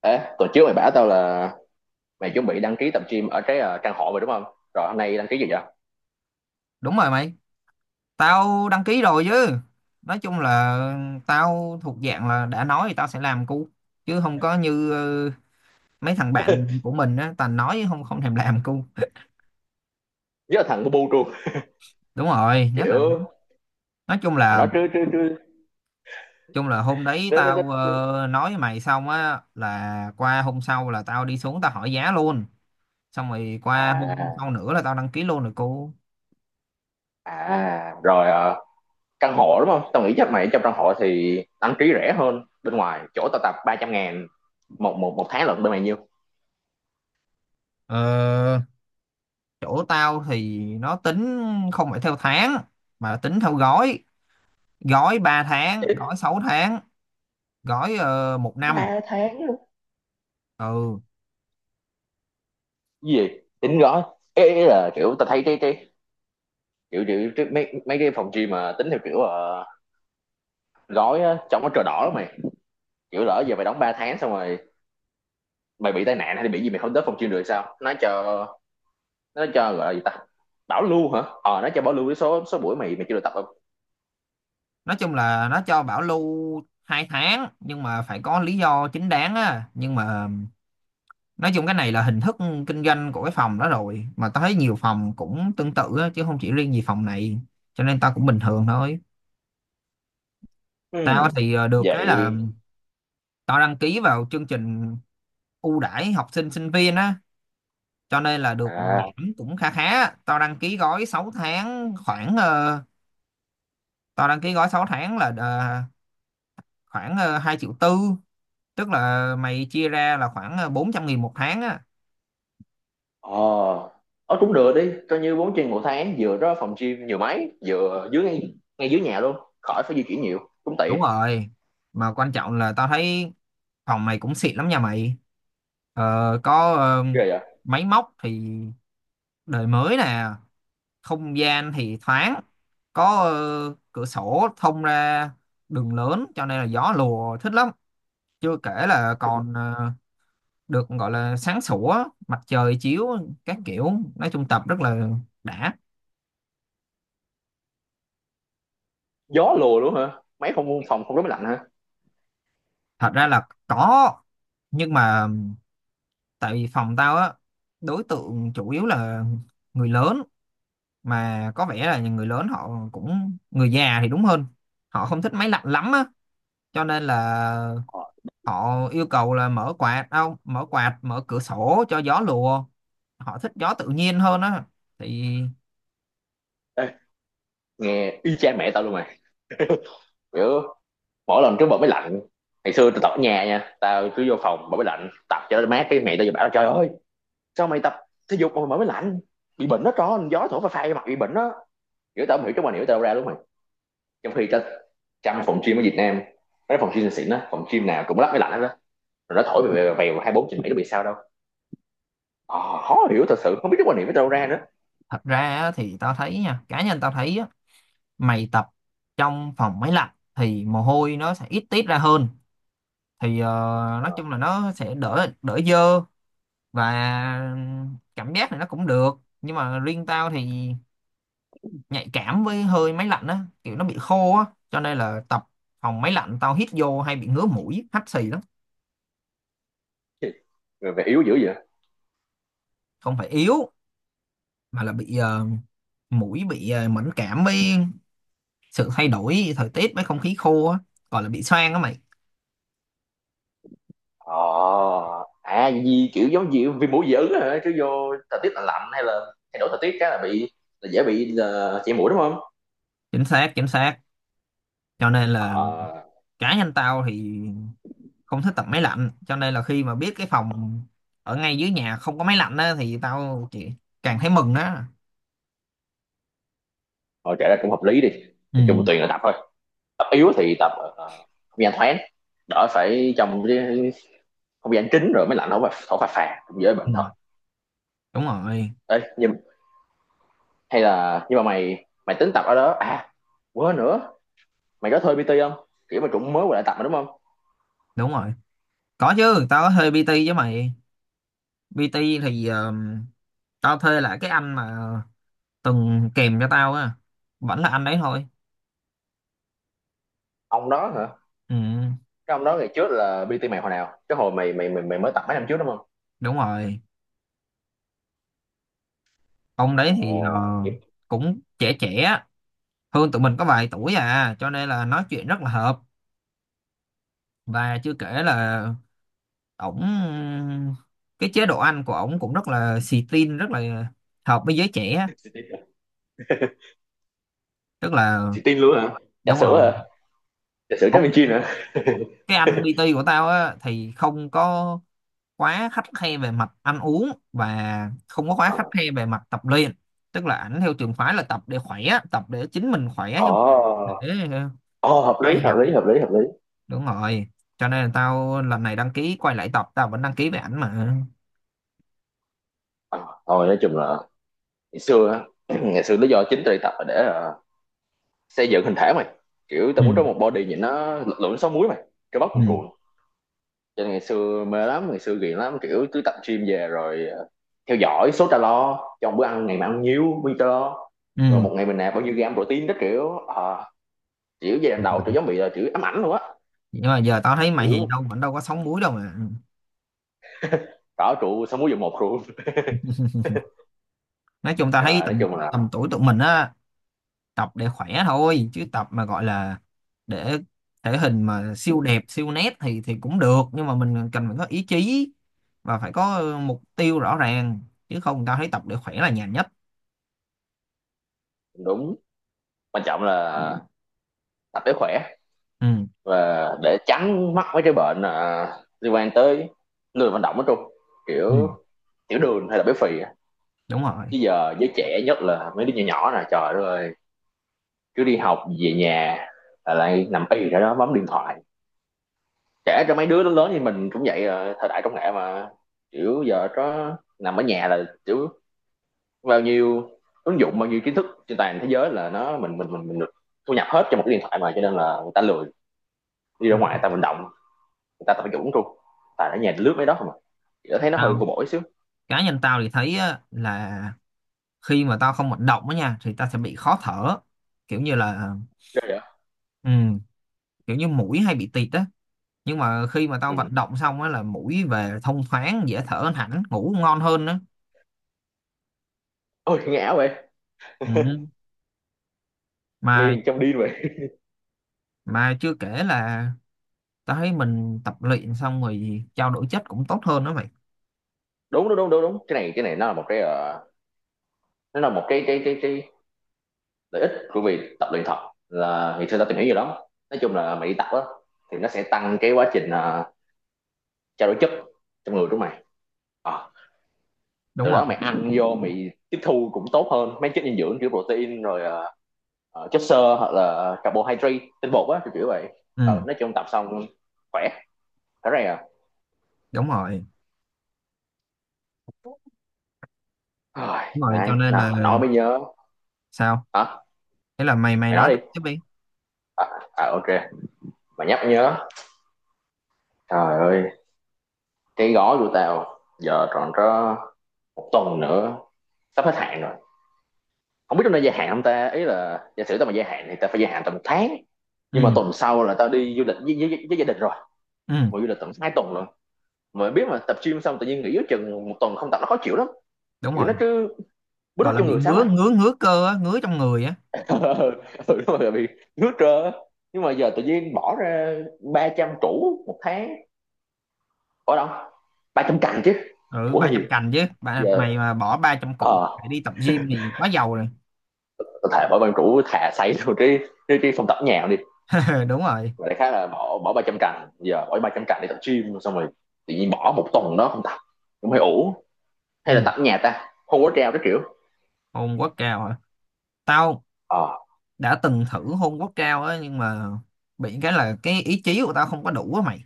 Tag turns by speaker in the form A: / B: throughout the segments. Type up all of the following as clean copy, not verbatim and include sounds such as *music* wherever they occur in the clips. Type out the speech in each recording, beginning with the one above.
A: Ê, tuần trước mày bảo tao là mày chuẩn bị đăng ký tập gym ở cái trang họ rồi đúng không? Rồi hôm nay đăng ký gì vậy?
B: Đúng rồi mày, tao đăng ký rồi chứ. Nói chung là tao thuộc dạng là đã nói thì tao sẽ làm cu, chứ không có như mấy thằng
A: *laughs*
B: bạn của mình á, toàn nói không không thèm làm cu. *laughs*
A: Với là thằng bu bu luôn.
B: Đúng rồi, nhất là
A: Kiểu
B: nói chung
A: thằng
B: là
A: nó trứ trứ trứ
B: chung là hôm đấy
A: nó
B: tao
A: nó-
B: nói với mày xong á là qua hôm sau là tao đi xuống tao hỏi giá luôn. Xong rồi qua hôm
A: à
B: sau nữa là tao đăng ký luôn rồi cu.
A: à rồi, căn hộ đúng không? Tao nghĩ chắc mày trong căn hộ thì đăng ký rẻ hơn bên ngoài. Chỗ tao tập 300.000 một một một tháng lận, bên mày nhiêu?
B: Ờ, chỗ tao thì nó tính không phải theo tháng mà là tính theo gói, gói 3 tháng, gói 6 tháng, gói 1 năm.
A: 3 tháng luôn.
B: Ừ,
A: Cái gì? Tính gói. Ê, ý là kiểu tao thấy cái kiểu mấy mấy cái phòng gym mà tính theo kiểu gói á, trông nó cờ đỏ lắm mày. Kiểu lỡ giờ mày đóng 3 tháng xong rồi mày bị tai nạn hay là bị gì, mày không tới phòng chuyên được, sao nó cho gọi là gì ta, bảo lưu hả, nó cho bảo lưu cái số số buổi mày mày chưa được tập không?
B: nói chung là nó cho bảo lưu 2 tháng nhưng mà phải có lý do chính đáng á, nhưng mà nói chung cái này là hình thức kinh doanh của cái phòng đó rồi, mà tao thấy nhiều phòng cũng tương tự á, chứ không chỉ riêng gì phòng này, cho nên tao cũng bình thường thôi. Tao
A: Ừm,
B: thì được cái là
A: vậy
B: tao đăng ký vào chương trình ưu đãi học sinh sinh viên á, cho nên là được
A: à,
B: giảm cũng khá khá. Tao đăng ký gói 6 tháng khoảng ờ, tao đăng ký gói 6 tháng là ờ, khoảng 2 triệu tư, tức là mày chia ra là khoảng 400.000 một tháng á.
A: ờ cũng được đi, coi như 4 chuyên một tháng vừa đó, phòng gym nhiều máy, vừa dưới ngay dưới nhà luôn khỏi phải di chuyển nhiều, cũng
B: Đúng
A: tiện.
B: rồi, mà quan trọng là tao thấy phòng mày cũng xịn lắm nha mày. Ờ, có
A: Ghê vậy,
B: máy móc thì đời mới nè, không gian thì thoáng, có cửa sổ thông ra đường lớn cho nên là gió lùa thích lắm. Chưa kể là còn được gọi là sáng sủa, mặt trời chiếu các kiểu, nói chung tập rất là đã.
A: gió lùa luôn hả, mấy không phòng không rất lạnh hả?
B: Thật ra là có, nhưng mà tại vì phòng tao á, đối tượng chủ yếu là người lớn, mà có vẻ là người lớn, họ cũng người già thì đúng hơn, họ không thích máy lạnh lắm á, cho nên là
A: Ờ,
B: họ yêu cầu là mở quạt, không mở quạt, mở cửa sổ cho gió lùa. Họ thích gió tự nhiên hơn á thì
A: ê, nghe y chang mẹ tao luôn mày. *laughs* Kiểu mỗi lần trước bật máy lạnh, ngày xưa tao tập ở nhà nha, tao cứ vô phòng mở máy lạnh tập cho nó mát, cái mẹ tao vừa bảo trời ơi sao mày tập thể dục mà mày mở máy lạnh, bị bệnh đó, tròn gió thổi phà phà mặt bị bệnh đó, kiểu tao không hiểu cái mà hiểu tao đâu ra, đúng mày, trong khi tao, trong phòng gym ở Việt Nam, cái phòng gym xịn đó, phòng gym nào cũng lắp máy lạnh hết đó, rồi nó thổi về vèo 24/7, nó bị sao đâu. Ờ, khó hiểu thật sự, không biết cái quan niệm của tao đâu ra nữa.
B: thật ra á, thì tao thấy nha, cá nhân tao thấy á, mày tập trong phòng máy lạnh thì mồ hôi nó sẽ ít tiết ra hơn, thì nói
A: Ờ,
B: chung là nó sẽ đỡ đỡ dơ, và cảm giác này nó cũng được. Nhưng mà riêng tao thì nhạy cảm với hơi máy lạnh á, kiểu nó bị khô á, cho nên là tập phòng máy lạnh tao hít vô hay bị ngứa mũi hắt xì lắm.
A: về yếu dữ vậy.
B: Không phải yếu, mà là bị mũi bị mẫn cảm với sự thay đổi thời tiết, với không khí khô á, gọi là bị xoang á mày.
A: ờ À gì kiểu giống gì vì mũi dị ứng hả, cứ vô thời tiết lạnh lạnh hay là thay đổi thời tiết cái là bị, là dễ bị, là chảy mũi đúng không?
B: Chính xác, chính xác, cho nên là
A: ờ
B: cá nhân tao thì không thích tập máy lạnh, cho nên là khi mà biết cái phòng ở ngay dưới nhà không có máy lạnh á thì tao chỉ càng thấy mừng đó.
A: Thôi kể ra cũng hợp lý đi. Nói chung
B: Ừ.
A: tùy là tập thôi, tập yếu thì tập không gian thoáng, đỡ phải trong cái không gian kín rồi mới lạnh, không phải thổi phà phà cũng dễ
B: Ừ.
A: bệnh thật.
B: Đúng rồi.
A: Ê, nhưng hay là nhưng mà mày mày tính tập ở đó à, quên nữa, mày có thuê PT không, kiểu mà cũng mới quay lại tập mà đúng không?
B: Đúng rồi, có chứ, tao có thuê PT với mày. PT thì tao thuê lại cái anh mà từng kèm cho tao á, vẫn là anh đấy thôi.
A: Ông đó hả?
B: Ừ.
A: Cái ông đó ngày trước là PT mày hồi nào, cái hồi mày mới tập mấy năm trước đúng không?
B: Đúng rồi, ông đấy thì
A: Ồ, nghiệp.
B: cũng trẻ, trẻ hơn tụi mình có vài tuổi à, cho nên là nói chuyện rất là hợp. Và chưa kể là ổng, cái chế độ ăn của ổng cũng rất là xì tin, rất là hợp với giới trẻ á.
A: Xì tin à?
B: Tức là
A: Xì tin luôn hả? Trà
B: đúng
A: sữa
B: rồi,
A: hả? Trà sữa Trái
B: ổng,
A: Minh Chiên hả?
B: cái anh PT của tao á thì không có quá khắt khe về mặt ăn uống và không có quá khắt
A: À.
B: khe về mặt tập luyện. Tức là ảnh theo trường phái là tập để khỏe, tập để chính mình khỏe
A: Ồ,
B: chứ không phải để ờ,
A: ồ hợp
B: vai
A: lý, hợp
B: hạp.
A: lý, hợp lý, hợp lý.
B: Đúng rồi, cho nên là tao lần này đăng ký quay lại tập, tao vẫn đăng ký về ảnh mà.
A: Ờ, thôi nói chung là ngày xưa á, ngày xưa lý do chính tôi đi tập là để xây dựng hình thể mày. Kiểu tao muốn có
B: Ừ.
A: một body nhìn nó lực lượng sáu múi mày, cơ bắp cuồn
B: Ừ.
A: cuộn. Cho nên ngày xưa mê lắm, ngày xưa ghiền lắm, kiểu cứ tập gym về rồi theo dõi số calo trong bữa ăn, ngày mà ăn nhiêu bao nhiêu calo, rồi
B: Ừ,
A: một ngày mình nạp bao nhiêu gram protein đó kiểu à, kiểu giai đoạn đầu tôi giống bị là kiểu ám ảnh luôn á.
B: nhưng mà giờ tao thấy mày thì
A: Kiểu
B: đâu vẫn đâu có sóng múi đâu mà.
A: có trụ sáu múi dụng một luôn.
B: *laughs*
A: *laughs*
B: Nói chung tao
A: Nhưng
B: thấy
A: mà nói
B: tầm,
A: chung là
B: tầm tuổi tụi mình á, tập để khỏe thôi, chứ tập mà gọi là để thể hình mà siêu đẹp siêu nét thì cũng được, nhưng mà mình cần phải có ý chí và phải có mục tiêu rõ ràng, chứ không tao thấy tập để khỏe là nhàn nhất.
A: đúng, quan trọng là tập để khỏe
B: Ừ.
A: và để tránh mắc mấy cái bệnh à, liên quan tới lười vận động, nói chung
B: Ừ.
A: kiểu tiểu đường hay là béo phì,
B: Đúng rồi.
A: chứ giờ giới trẻ nhất là mấy đứa nhỏ nhỏ nè, trời đất ơi, cứ đi học về nhà là lại nằm y ra đó bấm điện thoại, trẻ cho mấy đứa lớn lớn như mình cũng vậy à, thời đại công nghệ mà, kiểu giờ có nằm ở nhà là kiểu bao nhiêu ứng dụng, bao nhiêu kiến thức trên toàn thế giới là nó mình được thu nhập hết cho một cái điện thoại mà, cho nên là người ta lười đi ra
B: Đúng.
A: ngoài, người ta vận động, người ta tập dụng luôn, tại ở nhà lướt mấy đó không à, chị thấy nó hơi vô
B: Tao
A: bổ xíu.
B: cá nhân tao thì thấy á, là khi mà tao không vận động á nha thì tao sẽ bị khó thở, kiểu như là
A: Ghê vậy?
B: ừ, kiểu như mũi hay bị tịt á. Nhưng mà khi mà tao
A: Ừ.
B: vận động xong á là mũi về thông thoáng, dễ thở hẳn, ngủ ngon hơn nữa.
A: Ôi nghe ảo vậy.
B: Ừ. mà
A: Nghe trong điên vậy.
B: mà chưa kể là tao thấy mình tập luyện xong rồi trao đổi chất cũng tốt hơn đó mày.
A: Đúng, đúng, đúng, đúng, đúng, cái này nó là một cái nó là một cái lợi ích của việc tập luyện thật, là thì xưa tao tìm hiểu nhiều lắm, nói chung là mày đi tập á thì nó sẽ tăng cái quá trình trao đổi chất trong người của mày. Ờ,
B: Đúng
A: từ
B: rồi.
A: đó mày ăn vô mày tiếp thu cũng tốt hơn mấy chất dinh dưỡng kiểu protein rồi chất xơ hoặc là carbohydrate tinh bột á, kiểu kiểu vậy.
B: Ừ,
A: Nói chung tập xong khỏe thế này à,
B: đúng rồi.
A: rồi
B: Đúng rồi, cho
A: này
B: nên
A: nào
B: là
A: mà nói mới nhớ,
B: sao?
A: hả,
B: Thế là mày mày
A: mày
B: nói
A: nói đi,
B: tiếp đi.
A: à, à ok, mà nhắc nhớ trời ơi, cái gói của tao giờ còn có một tuần nữa, sắp hết hạn rồi, không biết trong đây gia hạn không ta, ý là giả sử tao mà gia hạn thì tao phải gia hạn tầm một tháng, nhưng mà
B: Ừ.
A: tuần sau là tao đi du lịch với gia đình rồi,
B: Ừ,
A: mà du lịch tầm 2 tuần luôn, mà biết mà tập gym xong tự nhiên nghỉ giữa chừng một tuần không tập nó khó chịu lắm,
B: đúng
A: kiểu nó
B: rồi,
A: cứ bứt rứt
B: gọi là
A: trong
B: bị
A: người sáng
B: ngứa,
A: mày,
B: ngứa ngứa cơ á, ngứa trong người á.
A: *laughs* ừ đúng rồi bị nước trơ, nhưng mà giờ tự nhiên bỏ ra 300 củ một tháng ở đâu. 300 cành chứ,
B: Ừ,
A: củ hơi
B: ba
A: nhiều,
B: trăm cành chứ,
A: giờ
B: mày mà bỏ 300 củ
A: ờ
B: để đi tập gym thì quá giàu rồi.
A: có thể bỏ bằng củ thà xây luôn cái cái phòng tập nhà đi,
B: *laughs* Đúng rồi.
A: và đại khái là bỏ bỏ 300 cành, giờ bỏ 300 cành để tập gym xong rồi tự nhiên bỏ một tuần đó không tập cũng hơi ủ,
B: Ừ,
A: hay là tập ở nhà ta không có treo cái kiểu
B: hồn quá cao hả? Tao
A: ờ à,
B: đã từng thử hôn gốc cao á, nhưng mà bị cái là cái ý chí của tao không có đủ á mày.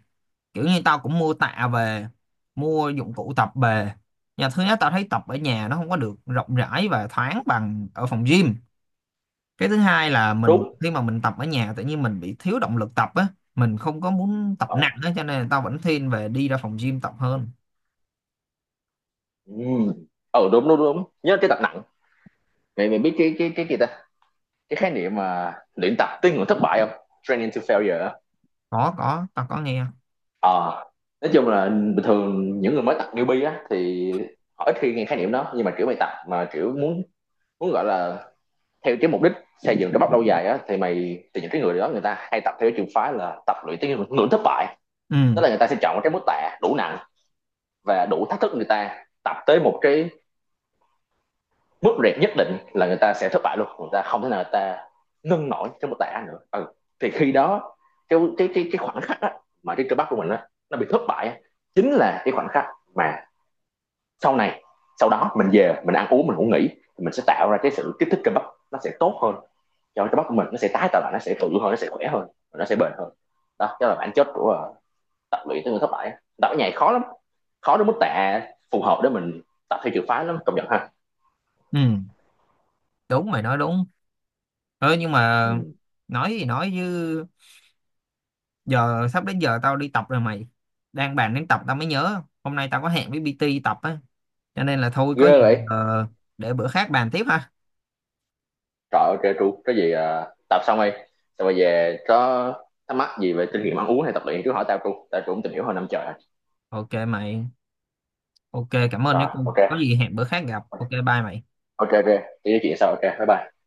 B: Kiểu như tao cũng mua tạ về, mua dụng cụ tập về nhà, thứ nhất tao thấy tập ở nhà nó không có được rộng rãi và thoáng bằng ở phòng gym, cái thứ hai là mình
A: đúng
B: khi mà mình tập ở nhà tự nhiên mình bị thiếu động lực tập á, mình không có muốn tập nặng
A: ờ
B: á, cho nên là tao vẫn thiên về đi ra phòng gym tập hơn.
A: ừ, ừ đúng đúng đúng nhớ cái tập nặng, mày mày biết cái cái gì ta, cái khái niệm mà luyện tập tới ngưỡng thất bại không, training to failure á.
B: Có, tao có nghe.
A: ờ nói chung là bình thường những người mới tập newbie á thì họ ít khi nghe khái niệm đó, nhưng mà kiểu mày tập mà kiểu muốn, gọi là theo cái mục đích xây dựng cái bắp lâu dài á thì mày, thì những cái người đó người ta hay tập theo cái trường phái là tập luyện tới ngưỡng ngưỡng thất bại, tức
B: Ừ.
A: là người ta sẽ chọn một cái mức tạ đủ nặng và đủ thách thức, người ta tập tới một cái mức rệt nhất định là người ta sẽ thất bại luôn, người ta không thể nào người ta nâng nổi cái một tài án nữa, ừ, thì khi đó cái khoảnh khắc á, mà cái cơ bắp của mình á, nó bị thất bại á, chính là cái khoảnh khắc mà sau này sau đó mình về mình ăn uống mình ngủ nghỉ thì mình sẽ tạo ra cái sự kích thích cơ bắp, nó sẽ tốt hơn cho cơ bắp của mình, nó sẽ tái tạo lại, nó sẽ tự hơn, nó sẽ khỏe hơn, nó sẽ bền hơn, đó đó là bản chất của tập luyện tới người thất bại, tập nhảy khó lắm, khó đến mức tạ phù hợp để mình tập theo trường phái lắm, công nhận ha.
B: Ừ, đúng, mày nói đúng. Ừ, nhưng mà
A: Ừ.
B: nói gì nói chứ, giờ sắp đến giờ tao đi tập rồi mày, đang bàn đến tập tao mới nhớ hôm nay tao có hẹn với PT tập á, cho nên là thôi có gì
A: Ghê vậy,
B: ờ, để bữa khác bàn tiếp ha.
A: trời ơi trêu tru có gì à, tập xong đi, xong rồi về có thắc mắc gì về kinh nghiệm ăn uống hay tập luyện cứ hỏi tao tru, tao tru cũng tìm hiểu hơn năm trời rồi,
B: Ok mày, ok, cảm ơn nhé.
A: rồi ok,
B: Có gì hẹn bữa khác gặp, ok, bye mày.
A: ok ok, cái chuyện sau ok bye bye.